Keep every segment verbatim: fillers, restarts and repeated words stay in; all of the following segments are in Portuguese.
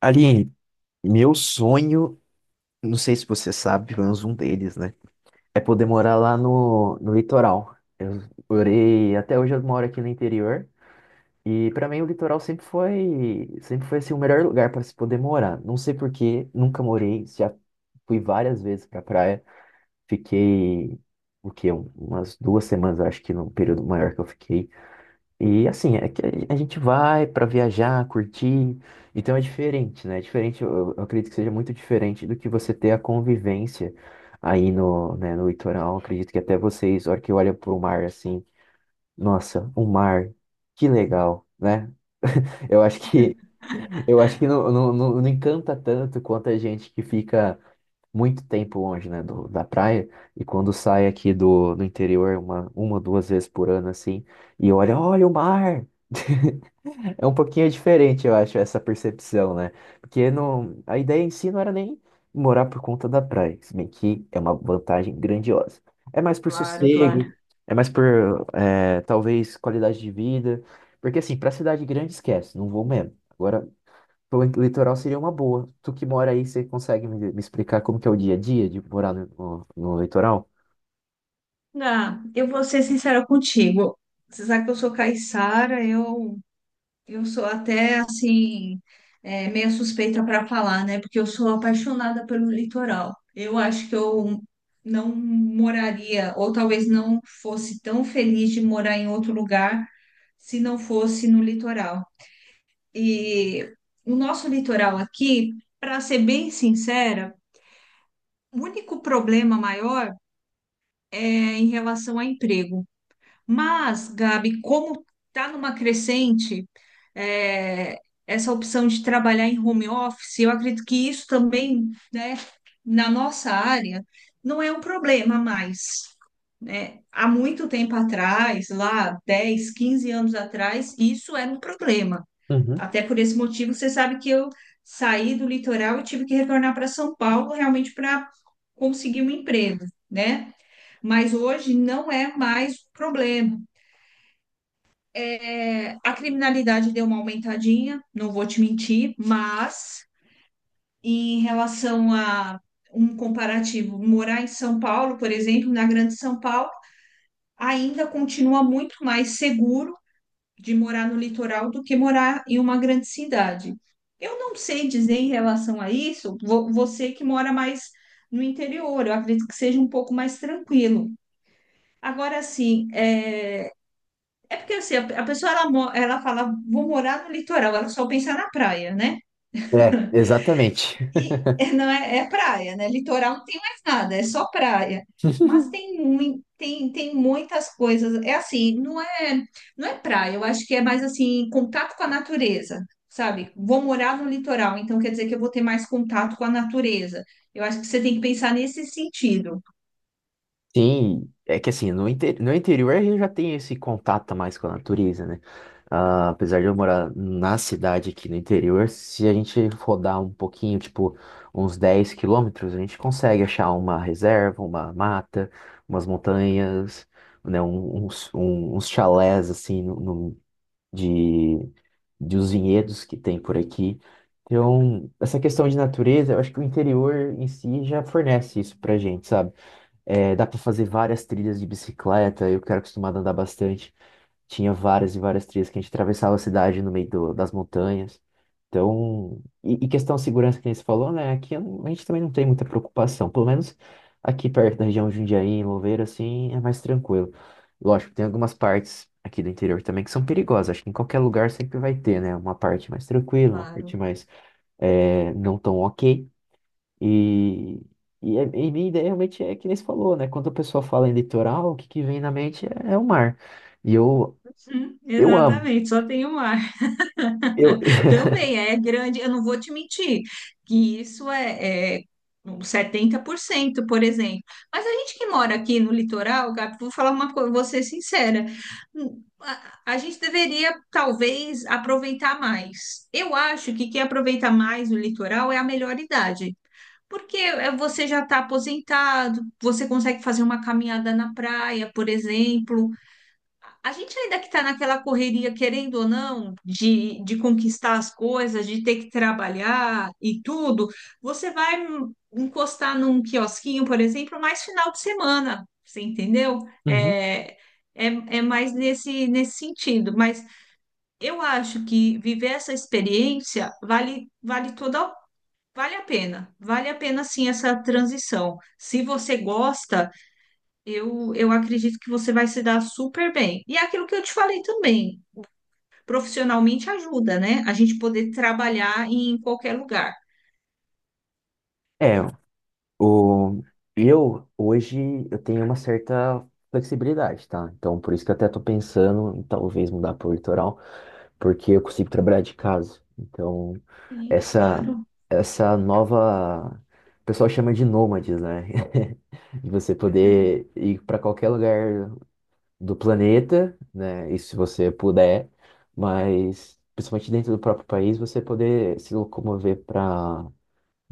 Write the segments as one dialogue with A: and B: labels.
A: Aline, meu sonho, não sei se você sabe, pelo menos um deles, né? É poder morar lá no, no litoral. Eu morei, até hoje eu moro aqui no interior. E pra mim o litoral sempre foi, sempre foi assim, o melhor lugar para se poder morar. Não sei por quê, nunca morei, já fui várias vezes pra praia. Fiquei, o quê? um- Umas duas semanas, eu acho que no período maior que eu fiquei. E assim, é que a gente vai para viajar, curtir, então é diferente, né? É diferente, eu, eu acredito que seja muito diferente do que você ter a convivência aí no, né, no litoral. Eu acredito que até vocês, a hora que olha para o mar assim, nossa, o mar, que legal, né? Eu acho que eu acho que não, não, não, não encanta tanto quanto a gente que fica muito tempo longe, né, do, da praia e quando sai aqui do, do interior uma, uma, duas vezes por ano assim, e olha, olha o mar. É um pouquinho diferente, eu acho, essa percepção, né? Porque não, a ideia em si não era nem morar por conta da praia, se bem que é uma vantagem grandiosa. É mais por
B: Claro, claro.
A: sossego, é mais por, é, talvez, qualidade de vida. Porque, assim, pra cidade grande, esquece, não vou mesmo. Agora, pro litoral seria uma boa. Tu que mora aí, você consegue me, me explicar como que é o dia a dia de morar no, no, no litoral?
B: Gá, eu vou ser sincera contigo. Você sabe que eu sou caiçara, eu, eu sou até assim, é, meio suspeita para falar, né? Porque eu sou apaixonada pelo litoral. Eu acho que eu não moraria, ou talvez não fosse tão feliz de morar em outro lugar se não fosse no litoral. E o nosso litoral aqui, para ser bem sincera, o único problema maior é em relação a emprego. Mas, Gabi, como está numa crescente, é, essa opção de trabalhar em home office, eu acredito que isso também, né, na nossa área, não é um problema mais. Né? Há muito tempo atrás, lá dez, quinze anos atrás, isso era um problema.
A: Uhum.
B: Até por esse motivo, você sabe que eu saí do litoral e tive que retornar para São Paulo realmente para conseguir um emprego, né? Mas hoje não é mais um problema. É, a criminalidade deu uma aumentadinha, não vou te mentir, mas em relação a um comparativo, morar em São Paulo, por exemplo, na Grande São Paulo, ainda continua muito mais seguro de morar no litoral do que morar em uma grande cidade. Eu não sei dizer em relação a isso, vo- você que mora mais no interior, eu acredito que seja um pouco mais tranquilo. Agora, sim, é, é porque assim, a a pessoa ela, mo- ela fala, vou morar no litoral, ela só pensa na praia, né?
A: É, exatamente.
B: E não é, é praia, né? Litoral não tem mais nada, é só praia. Mas tem, mui- tem, tem muitas coisas. É assim, não é, não é praia, eu acho que é mais assim, contato com a natureza, sabe? Vou morar no litoral, então quer dizer que eu vou ter mais contato com a natureza. Eu acho que você tem que pensar nesse sentido.
A: Sim, é que assim, no, inte- no interior a gente já tem esse contato mais com a natureza, né? Ah, apesar de eu morar na cidade aqui no interior, se a gente rodar um pouquinho, tipo uns dez quilômetros, a gente consegue achar uma reserva, uma mata, umas montanhas, né? um- Uns, um- uns chalés, assim, no, no- de, de os vinhedos que tem por aqui. Então, essa questão de natureza, eu acho que o interior em si já fornece isso pra gente, sabe? É, dá pra fazer várias trilhas de bicicleta, eu que era acostumado a andar bastante. Tinha várias e várias trilhas que a gente atravessava a cidade no meio do- das montanhas. Então, e, e questão de segurança que nem você falou, né? Aqui eu não- a gente também não tem muita preocupação. Pelo menos aqui perto da região de Jundiaí, em Louveira, assim, é mais tranquilo. Lógico, tem algumas partes aqui do interior também que são perigosas. Acho que em qualquer lugar sempre vai ter, né? Uma parte mais tranquila, uma parte
B: Claro.
A: mais eh, não tão ok. E, e, é- e minha ideia realmente é que nem você falou, né? Quando a pessoa fala em litoral, o que, que vem na mente é, é o mar. E eu,
B: Hum,
A: eu amo.
B: exatamente, só tem o mar.
A: Eu,
B: Também é grande, eu não vou te mentir, que isso é, é uns setenta por cento por exemplo. Mas a gente que mora aqui no litoral, Gabi, vou falar uma coisa, vou ser sincera, hum, a, a gente deveria talvez aproveitar mais. Eu acho que quem aproveita mais o litoral é a melhor idade. Porque é, você já está aposentado, você consegue fazer uma caminhada na praia, por exemplo, a gente ainda que está naquela correria, querendo ou não, de, de conquistar as coisas, de ter que trabalhar e tudo, você vai hum, encostar num quiosquinho, por exemplo, mais final de semana, você entendeu?
A: Uhum.
B: É, é, é mais nesse, nesse sentido. Mas eu acho que viver essa experiência vale, vale toda, vale a pena. Vale a pena sim essa transição. Se você gosta. Eu, eu acredito que você vai se dar super bem. E é aquilo que eu te falei também, profissionalmente ajuda, né? A gente poder trabalhar em qualquer lugar.
A: É, o, eu hoje eu tenho uma certa flexibilidade, tá? Então por isso que eu até tô pensando em talvez mudar pro litoral, porque eu consigo trabalhar de casa. Então
B: Sim,
A: essa
B: claro,
A: essa nova o pessoal chama de nômades, né? De você poder ir para qualquer lugar do planeta, né? E se você puder, mas principalmente dentro do próprio país, você poder se locomover para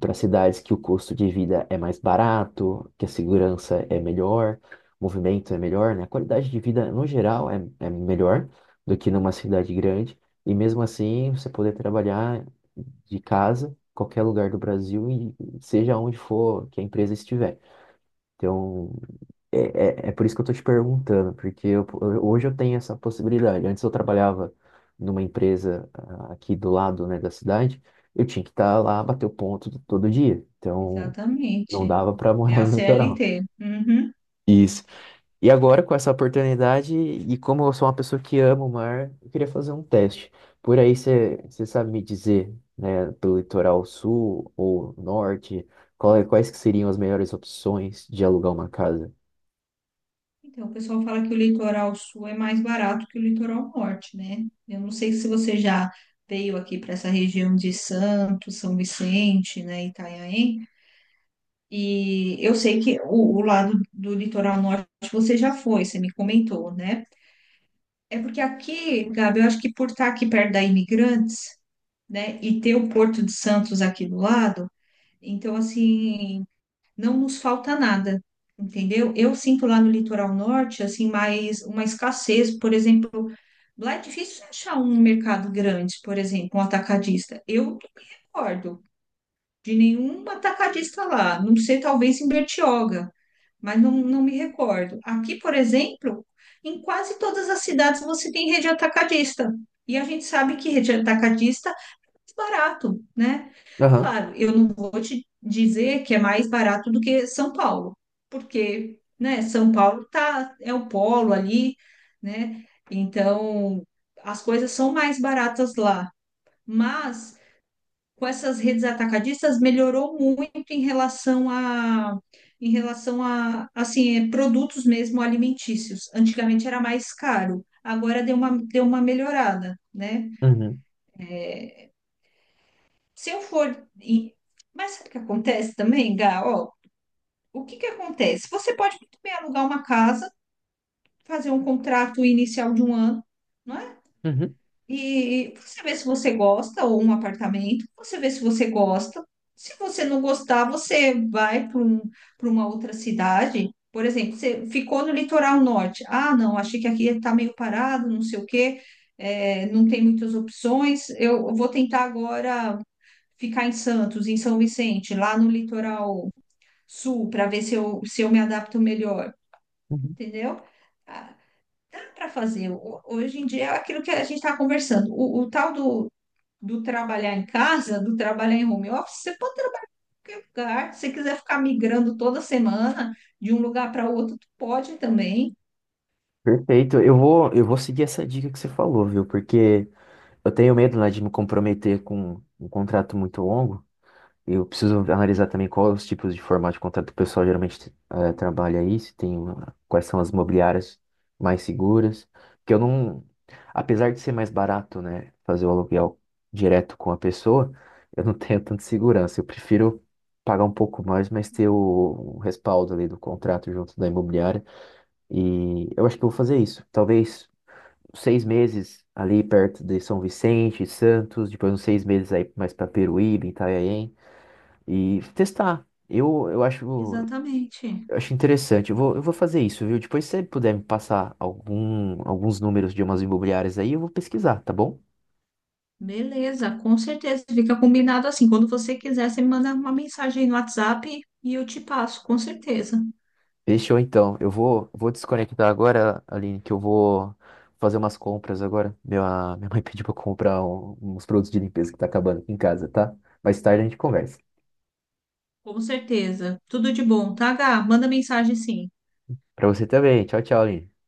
A: para cidades que o custo de vida é mais barato, que a segurança é melhor, o movimento é melhor, né? A qualidade de vida no geral é, é melhor do que numa cidade grande, e mesmo assim você poder trabalhar de casa, qualquer lugar do Brasil e seja onde for que a empresa estiver. Então, é, é, é por isso que eu tô te perguntando, porque eu- eu- hoje eu tenho essa possibilidade. Antes eu trabalhava numa empresa ah, aqui do lado, né, da cidade, eu tinha que estar lá, bater o ponto todo dia. Então, não
B: exatamente.
A: dava para
B: É
A: morar
B: a
A: no litoral.
B: C L T. Uhum.
A: Isso. E agora, com essa oportunidade, e como eu sou uma pessoa que ama o mar, eu queria fazer um teste. Por aí, você sabe me dizer, né, pelo litoral sul ou norte, qual é- quais que seriam as melhores opções de alugar uma casa?
B: Então, o pessoal fala que o litoral sul é mais barato que o litoral norte, né? Eu não sei se você já veio aqui para essa região de Santos, São Vicente, né, Itanhaém, e eu sei que o, o lado do litoral norte você já foi, você me comentou, né? É porque aqui, Gabi, eu acho que por estar aqui perto da Imigrantes, né, e ter o Porto de Santos aqui do lado, então, assim, não nos falta nada, entendeu? Eu sinto lá no litoral norte, assim, mais uma escassez, por exemplo, lá é difícil achar um mercado grande, por exemplo, um atacadista. Eu não me recordo de nenhum atacadista lá, não sei, talvez em Bertioga, mas não, não me recordo. Aqui, por exemplo, em quase todas as cidades você tem rede atacadista. E a gente sabe que rede atacadista é barato, né?
A: Aham.
B: Claro, eu não vou te dizer que é mais barato do que São Paulo, porque, né, São Paulo tá, é o polo ali, né? Então, as coisas são mais baratas lá. Mas com essas redes atacadistas melhorou muito em relação a em relação a assim é, produtos mesmo alimentícios. Antigamente era mais caro, agora deu uma deu uma melhorada, né?
A: Uhum.
B: Se eu for e- mas sabe o que acontece também, Gá? Ó, o que que acontece? Você pode muito bem alugar uma casa, fazer um contrato inicial de um ano, não é?
A: Uhum.
B: E você vê se você gosta, ou um apartamento, você vê se você gosta. Se você não gostar, você vai para um, para uma outra cidade. Por exemplo, você ficou no litoral norte. Ah, não, achei que aqui está meio parado, não sei o quê, é, não tem muitas opções. Eu vou tentar agora ficar em Santos, em São Vicente, lá no litoral sul, para ver se eu, se eu me adapto melhor,
A: Uhum.
B: entendeu? Ah, dá para fazer. Ho- Hoje em dia é aquilo que a gente está conversando. O, o tal do, do trabalhar em casa, do trabalhar em home office, você pode trabalhar em qualquer lugar. Se você quiser ficar migrando toda semana de um lugar para outro, tu pode também.
A: Perfeito. Eu vou, eu vou seguir essa dica que você falou, viu? Porque eu tenho medo, né, de me comprometer com um contrato muito longo. Eu preciso analisar também quais os tipos de formato de contrato que o pessoal geralmente eh, trabalha aí, se tem uma- quais são as imobiliárias mais seguras. Porque eu não, apesar de ser mais barato, né, fazer o aluguel direto com a pessoa, eu não tenho tanta segurança. Eu prefiro pagar um pouco mais, mas ter o, o respaldo ali do contrato junto da imobiliária. E eu acho que eu vou fazer isso. Talvez seis meses ali perto de São Vicente, Santos, depois uns seis meses aí mais para Peruíbe, Itanhaém, e testar. Eu, eu acho,
B: Exatamente.
A: eu acho interessante. Eu vou, eu vou fazer isso, viu? Depois, se você puder me passar algum, alguns números de umas imobiliárias aí, eu vou pesquisar, tá bom?
B: Beleza, com certeza. Fica combinado assim. Quando você quiser, você me manda uma mensagem aí no WhatsApp e eu te passo, com certeza.
A: Fechou então. Eu vou, vou desconectar agora, Aline, que eu vou fazer umas compras agora. Minha, minha mãe pediu pra eu comprar um- uns produtos de limpeza que tá acabando aqui em casa, tá? Mais tarde a gente conversa.
B: Com certeza. Tudo de bom, tá, Gá? Manda mensagem sim.
A: Pra você também. Tchau, tchau, Aline.